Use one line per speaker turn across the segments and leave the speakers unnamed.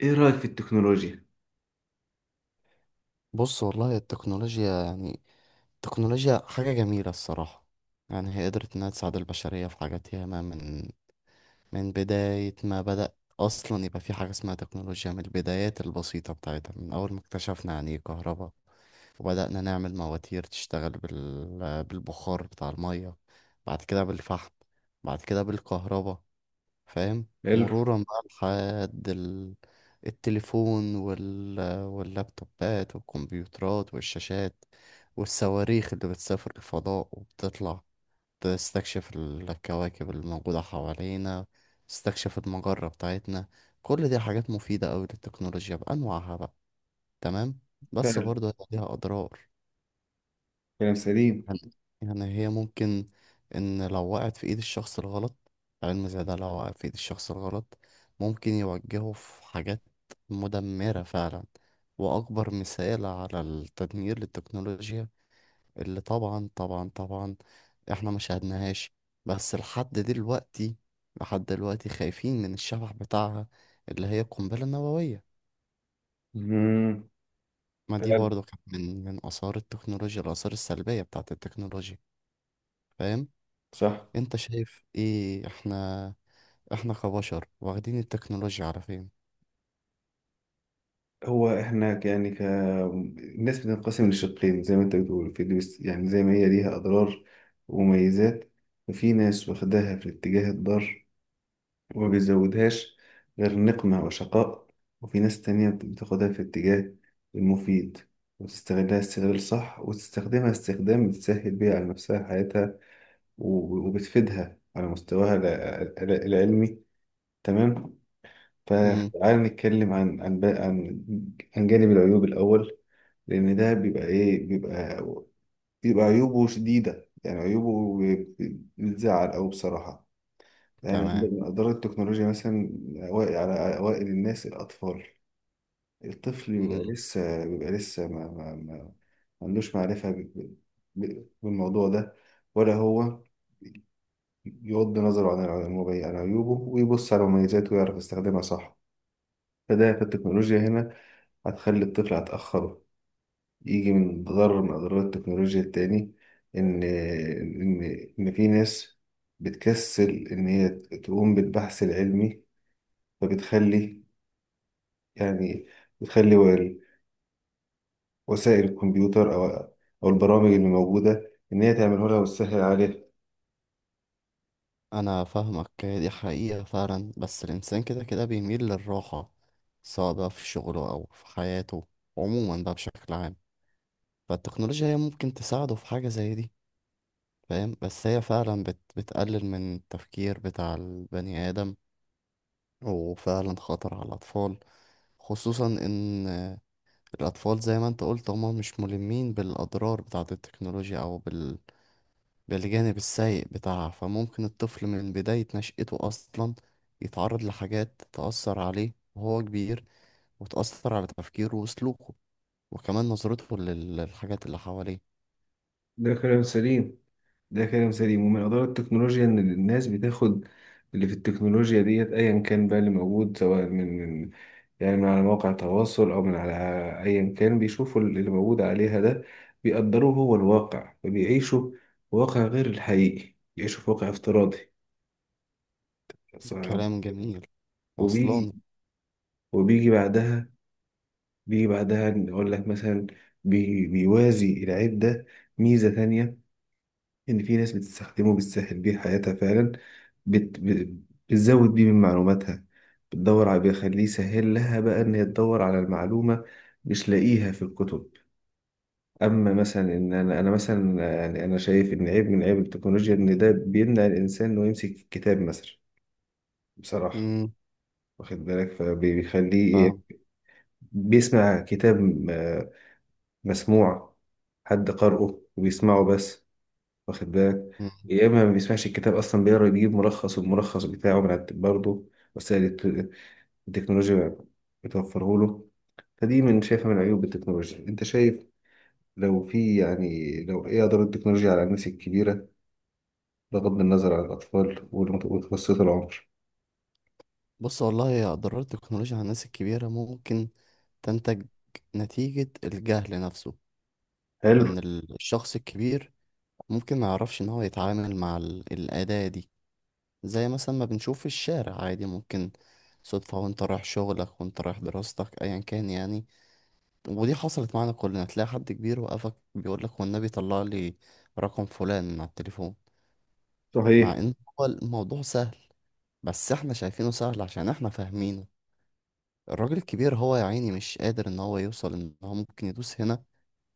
ايه رأيك في التكنولوجيا؟
بص والله التكنولوجيا يعني. التكنولوجيا حاجة جميلة الصراحة. يعني هي قدرت إنها تساعد البشرية في حاجات ياما، من بداية ما بدأ. أصلا يبقى في حاجة اسمها تكنولوجيا من البدايات البسيطة بتاعتها، من أول ما اكتشفنا يعني إيه كهرباء، وبدأنا نعمل مواتير تشتغل بالبخار بتاع المية، بعد كده بالفحم، بعد كده بالكهرباء. فاهم؟
حلو.
مرورا بقى لحد التليفون واللابتوبات والكمبيوترات والشاشات، والصواريخ اللي بتسافر الفضاء وبتطلع تستكشف الكواكب الموجودة حوالينا، تستكشف المجرة بتاعتنا. كل دي حاجات مفيدة أوي للتكنولوجيا بأنواعها بقى. تمام. بس
فعلا.
برضه هيبقى ليها أضرار.
كلام سليم.
يعني يعني هي ممكن، إن لو وقعت في إيد الشخص الغلط، علم زي ده لو وقع في إيد الشخص الغلط ممكن يوجهه في حاجات مدمرة فعلا. وأكبر مثال على التدمير للتكنولوجيا، اللي طبعا إحنا ما شاهدناهاش بس لحد دلوقتي، لحد دلوقتي خايفين من الشبح بتاعها، اللي هي القنبلة النووية.
مم.
ما دي
فعلا.
برضو كانت من آثار التكنولوجيا، الآثار السلبية بتاعت التكنولوجيا. فاهم؟
صح.
انت شايف ايه؟ احنا احنا كبشر واخدين التكنولوجيا على فين؟
هو احنا ك الناس بتنقسم لشقين زي ما انت بتقول في دي، يعني زي ما هي ليها اضرار ومميزات، ففي ناس واخداها في الاتجاه الضار وما بيزودهاش غير نقمة وشقاء، وفي ناس تانية بتاخدها في الاتجاه المفيد وتستغلها استغلال صح وتستخدمها استخدام بتسهل بيها على نفسها حياتها، وبتفيدها على مستواها العلمي. تمام.
امم.
فتعال نتكلم عن عن بقى- عن عن جانب العيوب الأول، لأن ده بيبقى إيه بيبقى بيبقى عيوبه شديدة، يعني عيوبه بتزعل أوي بصراحة، يعني.
تمام.
أضرار التكنولوجيا مثلا أوائل على أوائل الناس الأطفال. الطفل بيبقى
مم.
لسه بيبقى لسه ما عندوش معرفة بالموضوع ده، ولا هو يغض نظره عن عيوبه ويبص على مميزاته ويعرف يستخدمها صح. فده في التكنولوجيا هنا هتخلي الطفل، هتأخره. يجي من ضرر من أضرار التكنولوجيا التاني إن إن إن في ناس بتكسل إن هي تقوم بالبحث العلمي، فبتخلي، يعني، بتخلي وسائل الكمبيوتر أو البرامج اللي موجودة إن هي تعمله لها وتسهل عليها.
انا فاهمك، هي دي حقيقة فعلا، بس الانسان كده كده بيميل للراحة، سواء بقى في شغله او في حياته، عموما بقى بشكل عام. فالتكنولوجيا هي ممكن تساعده في حاجة زي دي. فاهم؟ بس هي فعلا بتقلل من التفكير بتاع البني آدم، وفعلا خطر على الأطفال، خصوصا ان الأطفال زي ما أنت قلت هما مش ملمين بالأضرار بتاعة التكنولوجيا أو بالجانب السيء بتاعها. فممكن الطفل من بداية نشأته أصلا يتعرض لحاجات تأثر عليه وهو كبير، وتأثر على تفكيره وسلوكه، وكمان نظرته للحاجات اللي حواليه.
ده كلام سليم. ده كلام سليم، ومن أضرار التكنولوجيا إن الناس بتاخد اللي في التكنولوجيا ديت أيا كان بقى اللي موجود، سواء من يعني من على مواقع التواصل أو من على أيا كان، بيشوفوا اللي موجود عليها ده بيقدروه هو الواقع فبيعيشوا واقع غير الحقيقي، بيعيشوا في واقع افتراضي صعب.
كلام جميل.
وبيجي
وصلان.
وبيجي بعدها بيجي بعدها نقول لك مثلا بيوازي العيب ده ميزة تانية، إن في ناس بتستخدمه بتسهل بيه حياتها فعلا، بت... ب- بتزود بيه من معلوماتها، بتدور على، بيخليه يسهل لها بقى إن هي تدور على المعلومة مش لاقيها في الكتب. أما مثلا إن أنا مثلا، يعني أنا شايف إن عيب من عيب التكنولوجيا إن ده بيمنع الإنسان إنه يمسك الكتاب مثلا، بصراحة.
امم.
واخد بالك، فبيخليه
فاهم.
بيسمع كتاب، مسموع، حد قرأه وبيسمعه بس، واخد بالك؟
مم.
يا اما ما بيسمعش الكتاب اصلا، بيقرا يجيب ملخص والملخص بتاعه من على برضه وسائل التكنولوجيا بتوفره له. فدي من شايفها من عيوب التكنولوجيا. انت شايف لو في، يعني لو ايه اضرار التكنولوجيا على الناس الكبيره، بغض النظر عن الاطفال ومتوسط العمر؟
بص والله يا أضرار التكنولوجيا على الناس الكبيرة، ممكن تنتج نتيجة الجهل نفسه.
حلو.
إن الشخص الكبير ممكن ما يعرفش ان هو يتعامل مع الأداة دي. زي مثلا ما بنشوف في الشارع، عادي ممكن صدفة وانت رايح شغلك وانت رايح دراستك ايا كان يعني، ودي حصلت معانا كلنا، تلاقي حد كبير وقفك بيقولك والنبي طلع لي رقم فلان على التليفون، مع
صحيح.
ان هو الموضوع سهل، بس احنا شايفينه سهل عشان احنا فاهمينه. الراجل الكبير هو يا عيني مش قادر ان هو يوصل ان هو ممكن يدوس هنا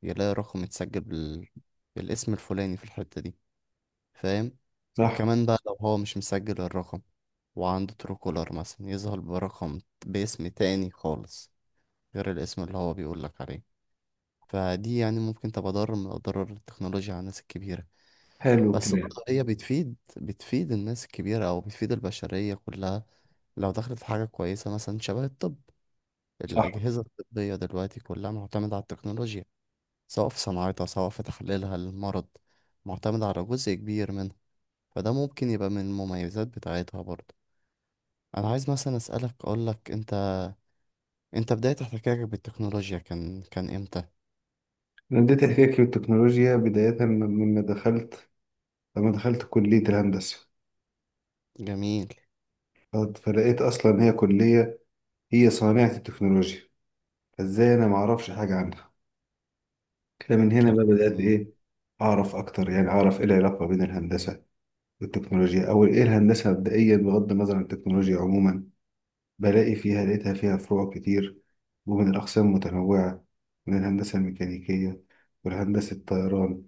يلاقي رقم متسجل بالاسم الفلاني في الحتة دي. فاهم؟
صح.
وكمان بقى لو هو مش مسجل الرقم وعنده ترو كولر مثلا، يظهر برقم باسم تاني خالص غير الاسم اللي هو بيقولك عليه. فدي يعني ممكن تبقى ضرر من أضرار التكنولوجيا على الناس الكبيرة.
حلو
بس
الكلام.
برضه هي بتفيد، بتفيد الناس الكبيرة أو بتفيد البشرية كلها، لو دخلت في حاجة كويسة مثلا شبه الطب.
صح.
الأجهزة الطبية دلوقتي كلها معتمدة على التكنولوجيا، سواء في صناعتها سواء في تحليلها للمرض، معتمدة على جزء كبير منها. فده ممكن يبقى من المميزات بتاعتها برضه. انا عايز مثلا اسالك، اقول لك انت، انت بدايه احتكاكك بالتكنولوجيا كان امتى؟
انا بديت احكي في التكنولوجيا بدايه من- مما دخلت لما دخلت كليه الهندسه،
جميل.
فلقيت اصلا هي كليه، هي صانعه التكنولوجيا، ازاي انا ما اعرفش حاجه عنها؟ كده من هنا
كلام
بقى بدات
جميل.
اعرف اكتر، يعني اعرف ايه العلاقه بين الهندسه والتكنولوجيا، او ايه الهندسه مبدئيا بغض النظر عن التكنولوجيا عموما. بلاقي فيها لقيتها فيها فروع كتير ومن الاقسام متنوعه، من الهندسه الميكانيكيه والهندسه الطيران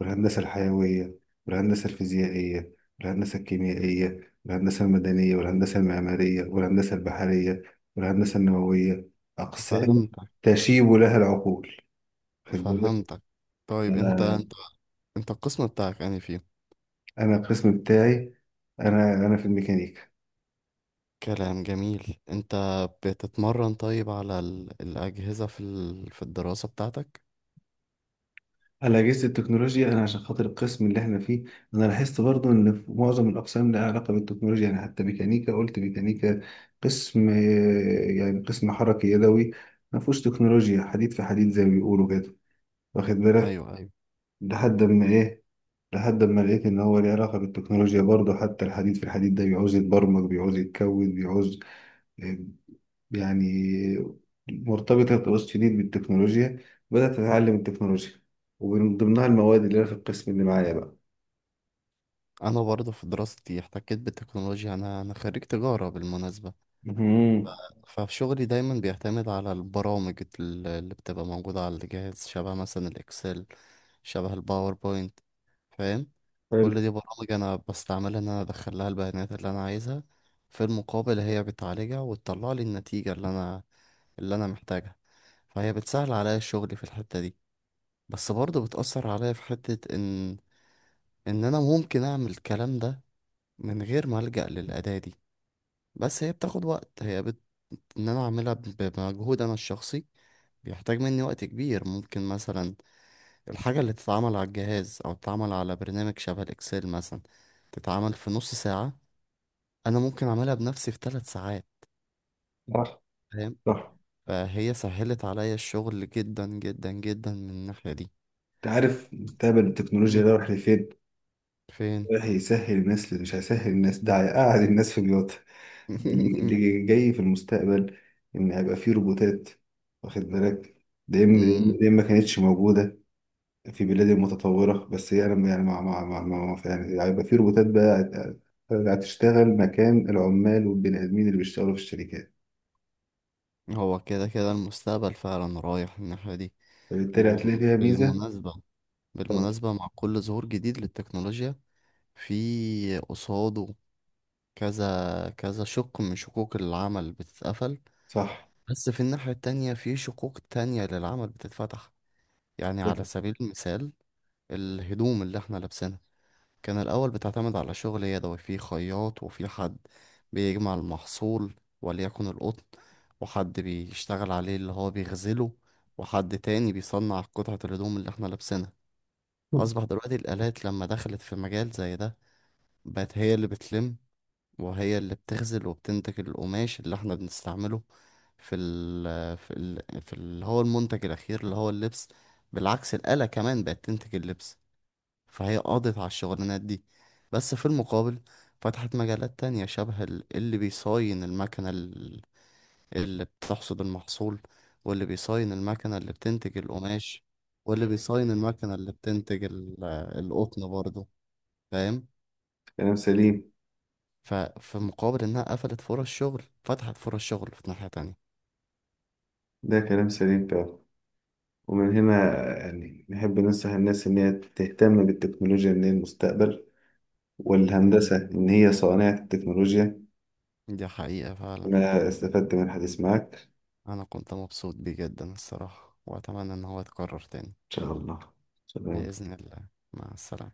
والهندسه الحيويه والهندسه الفيزيائيه والهندسه الكيميائيه والهندسه المدنيه والهندسه المعماريه والهندسه البحريه والهندسه النوويه. اقسام
فهمتك.
تشيب لها العقول، خد بالك.
فهمتك. طيب انت
انا
انت انت القسم بتاعك يعني فيه؟
انا القسم بتاعي، انا في الميكانيكا.
كلام جميل. انت بتتمرن طيب على الاجهزه في في الدراسه بتاعتك؟
الاجهزه التكنولوجيا انا عشان خاطر القسم اللي احنا فيه، انا لاحظت برضو ان في معظم الاقسام لها علاقه بالتكنولوجيا، يعني حتى ميكانيكا، قلت ميكانيكا قسم يعني قسم حركي يدوي، ما فيهوش تكنولوجيا، حديد في حديد زي ما بيقولوا كده، واخد بالك؟
ايوه، ايوه.
لحد ما ايه لحد ما لقيت ان هو ليه علاقه بالتكنولوجيا برضه، حتى الحديد في الحديد ده بيعوز يتبرمج بيعوز يتكود بيعوز، يعني، مرتبطة ارتباط شديد بالتكنولوجيا. بدأت أتعلم التكنولوجيا ومن ضمنها المواد اللي أنا في القسم اللي معايا بقى.
انا برضه في دراستي احتكيت بالتكنولوجيا، انا انا خريج تجاره بالمناسبه.
مهم.
ففي شغلي دايما بيعتمد على البرامج اللي بتبقى موجودة على الجهاز، شبه مثلا الإكسل، شبه الباوربوينت. فاهم؟
حلو.
كل دي برامج أنا بستعملها، إن أنا أدخل لها البيانات اللي أنا عايزها، في المقابل هي بتعالجها وتطلع لي النتيجة اللي أنا، اللي أنا محتاجها. فهي بتسهل عليا الشغل في الحتة دي. بس برضه بتأثر عليا في حتة إن أنا ممكن أعمل الكلام ده من غير ما ألجأ للأداة دي. بس هي بتاخد وقت، هي إن أنا أعملها بمجهود أنا الشخصي بيحتاج مني وقت كبير. ممكن مثلا الحاجة اللي تتعمل على الجهاز أو تتعمل على برنامج شبه الإكسل مثلا تتعمل في نص ساعة، أنا ممكن أعملها بنفسي في 3 ساعات.
صح.
فاهم؟
صح.
فهي سهلت عليا الشغل جدا جدا جدا من الناحية دي.
أنت عارف مستقبل التكنولوجيا ده
مم.
رايح لفين؟
فين؟
رايح يسهل الناس، اللي مش هيسهل الناس، ده هيقعد الناس في بيوتها. ده اللي اللي جاي في المستقبل، إن هيبقى فيه روبوتات، واخد بالك؟
مم.
ده إما ما كانتش موجودة في بلاد متطورة، بس هي أنا يعني يعني هيبقى في روبوتات بقى هتشتغل مكان العمال والبني آدمين اللي بيشتغلوا في الشركات،
هو كده كده المستقبل فعلا رايح الناحية دي.
فبالتالي هتلاقي فيها ميزة.
وبالمناسبة،
طب.
بالمناسبة مع كل ظهور جديد للتكنولوجيا، في قصاده كذا كذا شق من شقوق العمل بتتقفل،
صح.
بس في الناحية التانية في شقوق تانية للعمل بتتفتح. يعني على
ده
سبيل المثال، الهدوم اللي احنا لابسينها كان الأول بتعتمد على شغل يدوي، في خياط وفي حد بيجمع المحصول، وليكن القطن، وحد بيشتغل عليه اللي هو بيغزله، وحد تاني بيصنع قطعة الهدوم اللي احنا لابسينها. أصبح دلوقتي الآلات لما دخلت في مجال زي ده، بقت هي اللي بتلم، وهي اللي بتغزل وبتنتج القماش اللي احنا بنستعمله، في اللي هو المنتج الأخير اللي هو اللبس. بالعكس الآلة كمان بقت تنتج اللبس. فهي قضت على الشغلانات دي. بس في المقابل فتحت مجالات تانية، شبه اللي بيصاين المكنة اللي بتحصد المحصول، واللي بيصاين المكنة اللي بتنتج القماش، واللي بيصاين المكنة اللي بتنتج القطن برضه. فاهم؟
كلام سليم.
ففي مقابل انها قفلت فرص شغل، فتحت فرص شغل في ناحية تانية.
ده كلام سليم فعلا. ومن هنا يعني نحب ننصح الناس إن هي تهتم بالتكنولوجيا، إن هي المستقبل،
امم.
والهندسة إن هي صانعة التكنولوجيا.
دي حقيقة فعلا.
أنا استفدت من الحديث معك. إن
انا كنت مبسوط بيه جدا الصراحة، واتمنى ان هو يتكرر تاني.
شاء الله. سلام.
بإذن الله. مع السلامة.